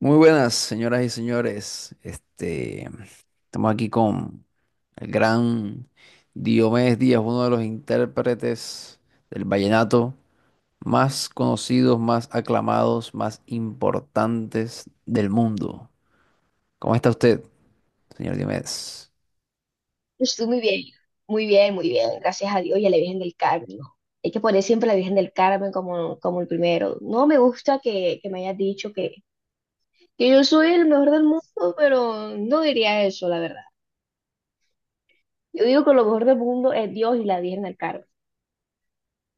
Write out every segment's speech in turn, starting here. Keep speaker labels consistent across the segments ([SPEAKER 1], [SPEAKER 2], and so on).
[SPEAKER 1] Muy buenas, señoras y señores. Estamos aquí con el gran Diomedes Díaz, uno de los intérpretes del vallenato más conocidos, más aclamados, más importantes del mundo. ¿Cómo está usted, señor Diomedes?
[SPEAKER 2] Yo estoy muy bien, muy bien, muy bien, gracias a Dios y a la Virgen del Carmen. Hay que poner siempre a la Virgen del Carmen como el primero. No me gusta que me hayas dicho que yo soy el mejor del mundo, pero no diría eso, la verdad. Yo digo que lo mejor del mundo es Dios y la Virgen del Carmen.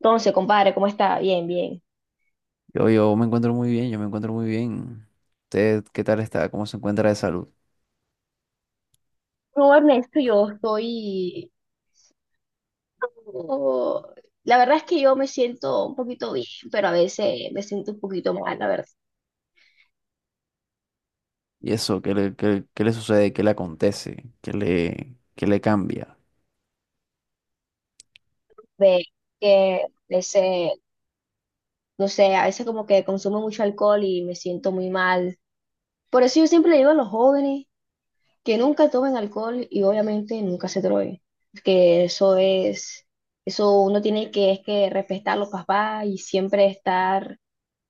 [SPEAKER 2] Entonces, compadre, ¿cómo está? Bien, bien.
[SPEAKER 1] Yo me encuentro muy bien, yo me encuentro muy bien. ¿Usted qué tal está? ¿Cómo se encuentra de salud?
[SPEAKER 2] No, Ernesto, yo estoy... oh, La verdad es que yo me siento un poquito bien, pero a veces me siento un poquito mal, la verdad.
[SPEAKER 1] ¿Y eso? ¿Qué le sucede? ¿Qué le acontece? ¿Qué le cambia?
[SPEAKER 2] Ve que a veces no sé, a veces como que consumo mucho alcohol y me siento muy mal. Por eso yo siempre le digo a los jóvenes que nunca tomen alcohol y obviamente nunca se droguen, que eso es, eso uno tiene que, es que respetar a los papás y siempre estar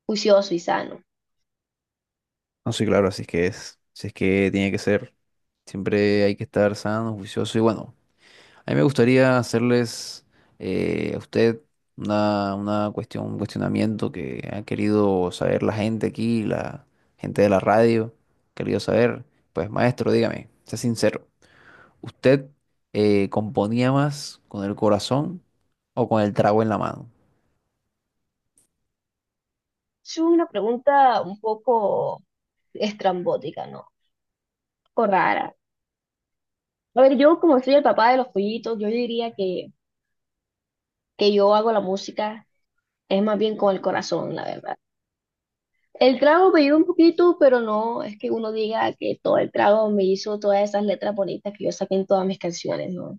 [SPEAKER 2] juicioso y sano.
[SPEAKER 1] No, sí, claro, así es que tiene que ser. Siempre hay que estar sano, juicioso. Y bueno, a mí me gustaría hacerles a usted una cuestión, un cuestionamiento que ha querido saber la gente aquí, la gente de la radio, querido saber. Pues maestro, dígame, sea sincero, ¿usted componía más con el corazón o con el trago en la mano?
[SPEAKER 2] Es una pregunta un poco estrambótica, ¿no? Un poco rara. A ver, yo como soy el papá de los pollitos, yo diría que yo hago la música, es más bien con el corazón, la verdad. El trago me ayuda un poquito, pero no es que uno diga que todo el trago me hizo todas esas letras bonitas que yo saqué en todas mis canciones, ¿no?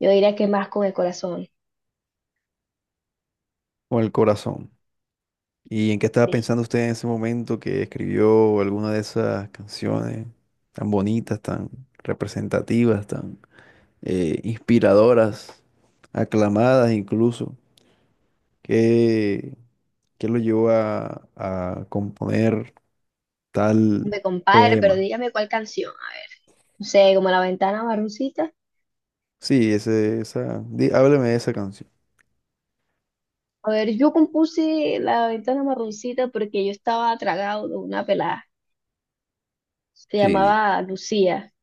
[SPEAKER 2] Yo diría que más con el corazón.
[SPEAKER 1] Con el corazón. ¿Y en qué estaba
[SPEAKER 2] Sí,
[SPEAKER 1] pensando usted en ese momento que escribió alguna de esas canciones tan bonitas, tan representativas, tan inspiradoras, aclamadas incluso? ¿Qué, qué lo llevó a componer tal
[SPEAKER 2] me compadre, pero
[SPEAKER 1] poema?
[SPEAKER 2] dígame cuál canción, a ver. No sé, como La Ventana Marroncita.
[SPEAKER 1] Sí, esa, hábleme de esa canción.
[SPEAKER 2] A ver, yo compuse La Ventana Marroncita porque yo estaba tragado de una pelada. Se
[SPEAKER 1] Sí, di-
[SPEAKER 2] llamaba Lucía.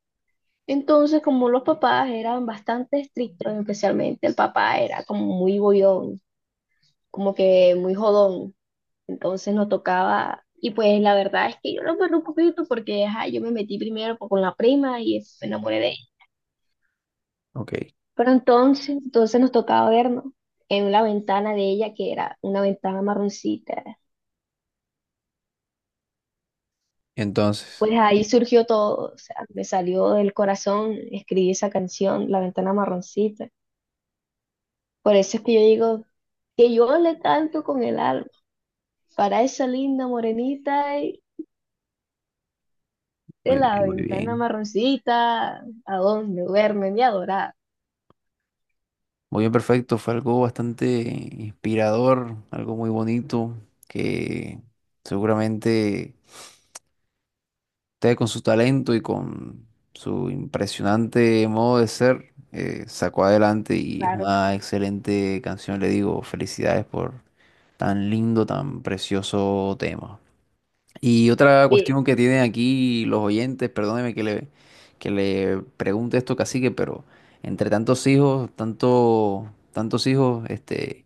[SPEAKER 2] Entonces, como los papás eran bastante estrictos, especialmente el papá era como muy bollón, como que muy jodón. Entonces nos tocaba, y pues la verdad es que yo lo perdí un poquito porque ajá, yo me metí primero con la prima y eso, me enamoré de ella.
[SPEAKER 1] ok.
[SPEAKER 2] Pero entonces nos tocaba vernos en la ventana de ella, que era una ventana marroncita.
[SPEAKER 1] Entonces,
[SPEAKER 2] Pues ahí surgió todo, o sea, me salió del corazón, escribí esa canción, La ventana marroncita. Por eso es que yo digo que yo le canto con el alma para esa linda morenita y de
[SPEAKER 1] muy
[SPEAKER 2] la
[SPEAKER 1] bien, muy
[SPEAKER 2] ventana
[SPEAKER 1] bien.
[SPEAKER 2] marroncita, a donde duerme mi adorada.
[SPEAKER 1] Muy bien, perfecto. Fue algo bastante inspirador, algo muy bonito, que seguramente usted con su talento y con su impresionante modo de ser, sacó adelante y es
[SPEAKER 2] Claro,
[SPEAKER 1] una excelente canción. Le digo, felicidades por tan lindo, tan precioso tema. Y otra
[SPEAKER 2] sí.
[SPEAKER 1] cuestión que tienen aquí los oyentes, perdóneme que le pregunte esto, cacique, pero entre tantos hijos, tantos hijos, este,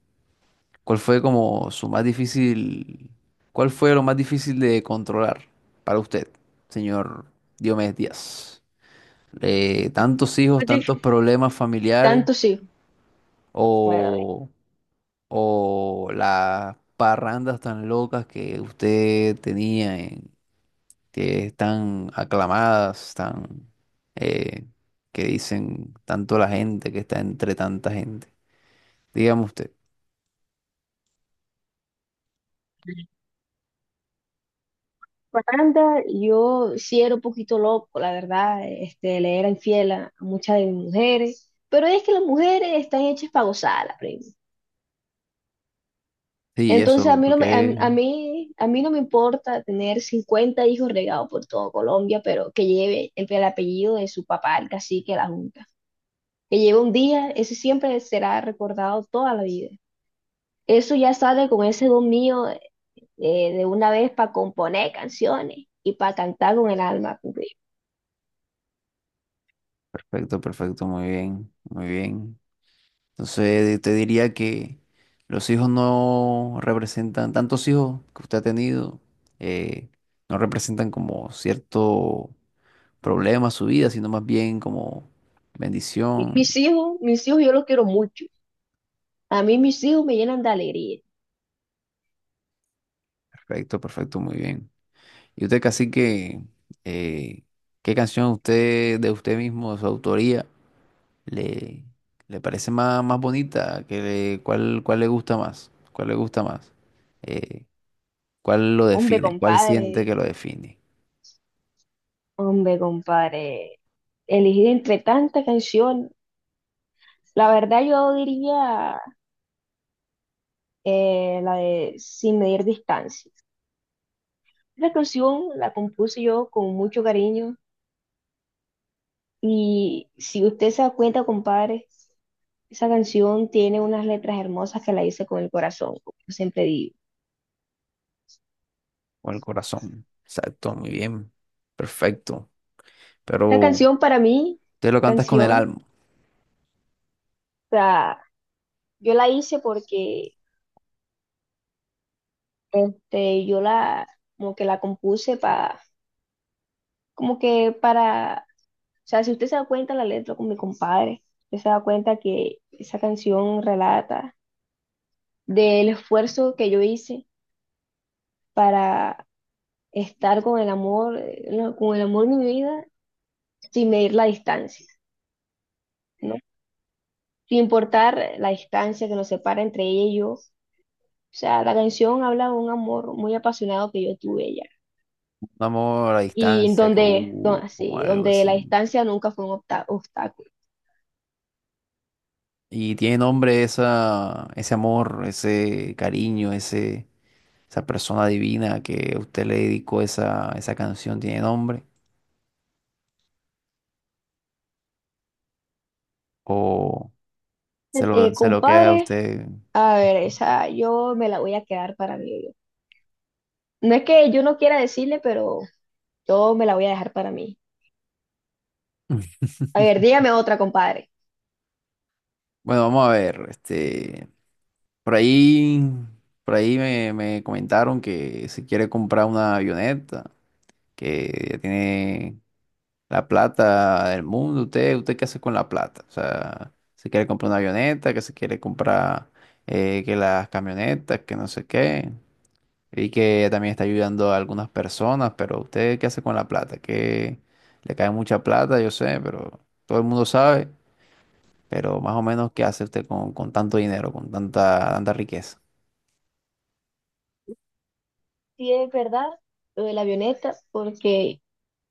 [SPEAKER 1] ¿cuál fue como su más difícil, cuál fue lo más difícil de controlar para usted, señor Diomedes Díaz? ¿Tantos hijos,
[SPEAKER 2] Más
[SPEAKER 1] tantos
[SPEAKER 2] difícil.
[SPEAKER 1] problemas familiares
[SPEAKER 2] Tanto, sí. Bueno,
[SPEAKER 1] o, o las parrandas tan locas que usted tenía, que están aclamadas, eh, que dicen tanto la gente, que está entre tanta gente? Dígame usted.
[SPEAKER 2] Yolanda, yo sí era un poquito loco, la verdad, este, le era infiel a muchas de mis mujeres, pero es que las mujeres están hechas para gozarla, primo.
[SPEAKER 1] Sí,
[SPEAKER 2] Entonces a
[SPEAKER 1] eso,
[SPEAKER 2] mí no me, a, mí,
[SPEAKER 1] porque...
[SPEAKER 2] a mí a mí no me importa tener 50 hijos regados por todo Colombia, pero que lleve el apellido de su papá, el cacique de la junta. Que lleve un día, ese siempre será recordado toda la vida. Eso ya sale con ese don mío, de una vez para componer canciones y para cantar con el alma. Porque
[SPEAKER 1] Perfecto, perfecto, muy bien, muy bien. Entonces te diría que los hijos no representan, tantos hijos que usted ha tenido, eh, no representan como cierto problema a su vida, sino más bien como bendición.
[SPEAKER 2] mis hijos, yo los quiero mucho. A mí mis hijos me llenan de alegría.
[SPEAKER 1] Perfecto, perfecto, muy bien. Y usted casi que, eh, ¿qué canción usted de usted mismo, de su autoría, le, le parece más, más bonita? Cuál le gusta más? ¿Cuál le gusta más? Eh, ¿Cuál lo
[SPEAKER 2] Hombre,
[SPEAKER 1] define? ¿Cuál siente
[SPEAKER 2] compadre,
[SPEAKER 1] que lo define?
[SPEAKER 2] hombre, compadre. Elegir entre tantas canciones, la verdad yo diría, la de Sin medir distancias. La canción la compuse yo con mucho cariño y si usted se da cuenta, compadre, esa canción tiene unas letras hermosas que la hice con el corazón, como siempre digo.
[SPEAKER 1] Con el corazón. Exacto, muy bien. Perfecto.
[SPEAKER 2] La
[SPEAKER 1] Pero
[SPEAKER 2] canción para mí,
[SPEAKER 1] te lo cantas con el
[SPEAKER 2] canción,
[SPEAKER 1] alma.
[SPEAKER 2] o sea, yo la hice porque este, yo la, como que la compuse para, como que para, o sea, si usted se da cuenta la letra con mi compadre, usted se da cuenta que esa canción relata del esfuerzo que yo hice para estar con el amor, no, con el amor de mi vida, sin medir la distancia, ¿no? Sin importar la distancia que nos separa entre ella y yo. O sea, la canción habla de un amor muy apasionado que yo tuve ella.
[SPEAKER 1] Un amor a
[SPEAKER 2] Y
[SPEAKER 1] distancia que hubo, como
[SPEAKER 2] sí,
[SPEAKER 1] algo
[SPEAKER 2] donde
[SPEAKER 1] así.
[SPEAKER 2] la distancia nunca fue un obstáculo.
[SPEAKER 1] Y tiene nombre esa, ese amor, ese cariño, ese, esa persona divina que usted le dedicó esa, esa canción, ¿tiene nombre? ¿O se lo queda a
[SPEAKER 2] Compadre,
[SPEAKER 1] usted?
[SPEAKER 2] a ver, esa yo me la voy a quedar para mí. Yo. No es que yo no quiera decirle, pero yo me la voy a dejar para mí. A ver, dígame otra, compadre.
[SPEAKER 1] Bueno, vamos a ver, este. Por ahí, por ahí me comentaron que se quiere comprar una avioneta, que ya tiene la plata del mundo. Usted qué hace con la plata? O sea, se quiere comprar una avioneta, que se quiere comprar que las camionetas, que no sé qué. Y que también está ayudando a algunas personas, pero ¿usted qué hace con la plata? Que le cae mucha plata, yo sé, pero todo el mundo sabe. Pero más o menos, ¿qué hace usted con tanto dinero, con tanta riqueza?
[SPEAKER 2] Sí, es verdad, lo de la avioneta, porque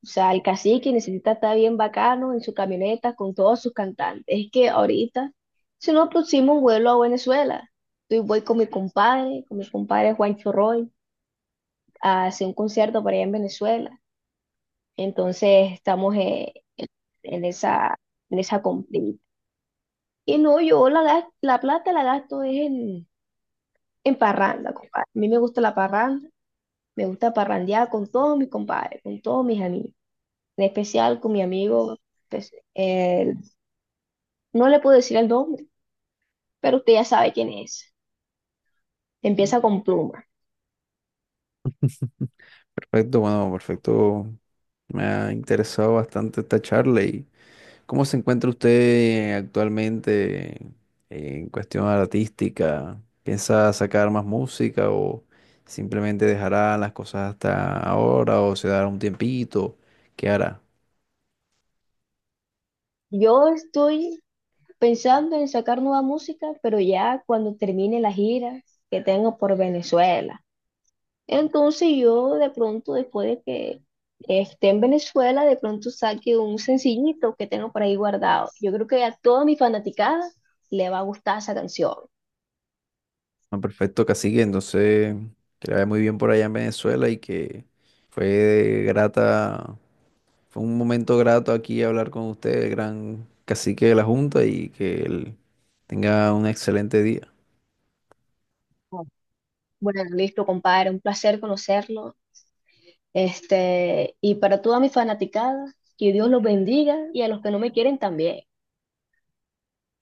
[SPEAKER 2] o sea, el cacique necesita estar bien bacano en su camioneta con todos sus cantantes. Es que ahorita, si no pusimos un vuelo a Venezuela, yo voy con mi compadre Juancho Roy, a hacer un concierto por allá en Venezuela. Entonces estamos en esa comprita. Y no, yo la, la plata la gasto es en parranda, compadre. A mí me gusta la parranda, me gusta parrandear con todos mis compadres, con todos mis amigos, en especial con mi amigo pues, el. No le puedo decir el nombre, pero usted ya sabe quién es. Empieza con Pluma.
[SPEAKER 1] Perfecto, bueno, perfecto. Me ha interesado bastante esta charla y ¿cómo se encuentra usted actualmente en cuestión artística? ¿Piensa sacar más música o simplemente dejará las cosas hasta ahora o se dará un tiempito? ¿Qué hará?
[SPEAKER 2] Yo estoy pensando en sacar nueva música, pero ya cuando termine la gira que tengo por Venezuela. Entonces yo de pronto, después de que esté en Venezuela, de pronto saque un sencillito que tengo por ahí guardado. Yo creo que a toda mi fanaticada le va a gustar esa canción.
[SPEAKER 1] Bueno, perfecto, cacique. Entonces, que le vaya muy bien por allá en Venezuela y que fue grata fue un momento grato aquí hablar con usted, el gran cacique de la Junta, y que él tenga un excelente día.
[SPEAKER 2] Bueno, listo, compadre, un placer conocerlo. Este, y para toda mi fanaticada, que Dios los bendiga y a los que no me quieren también.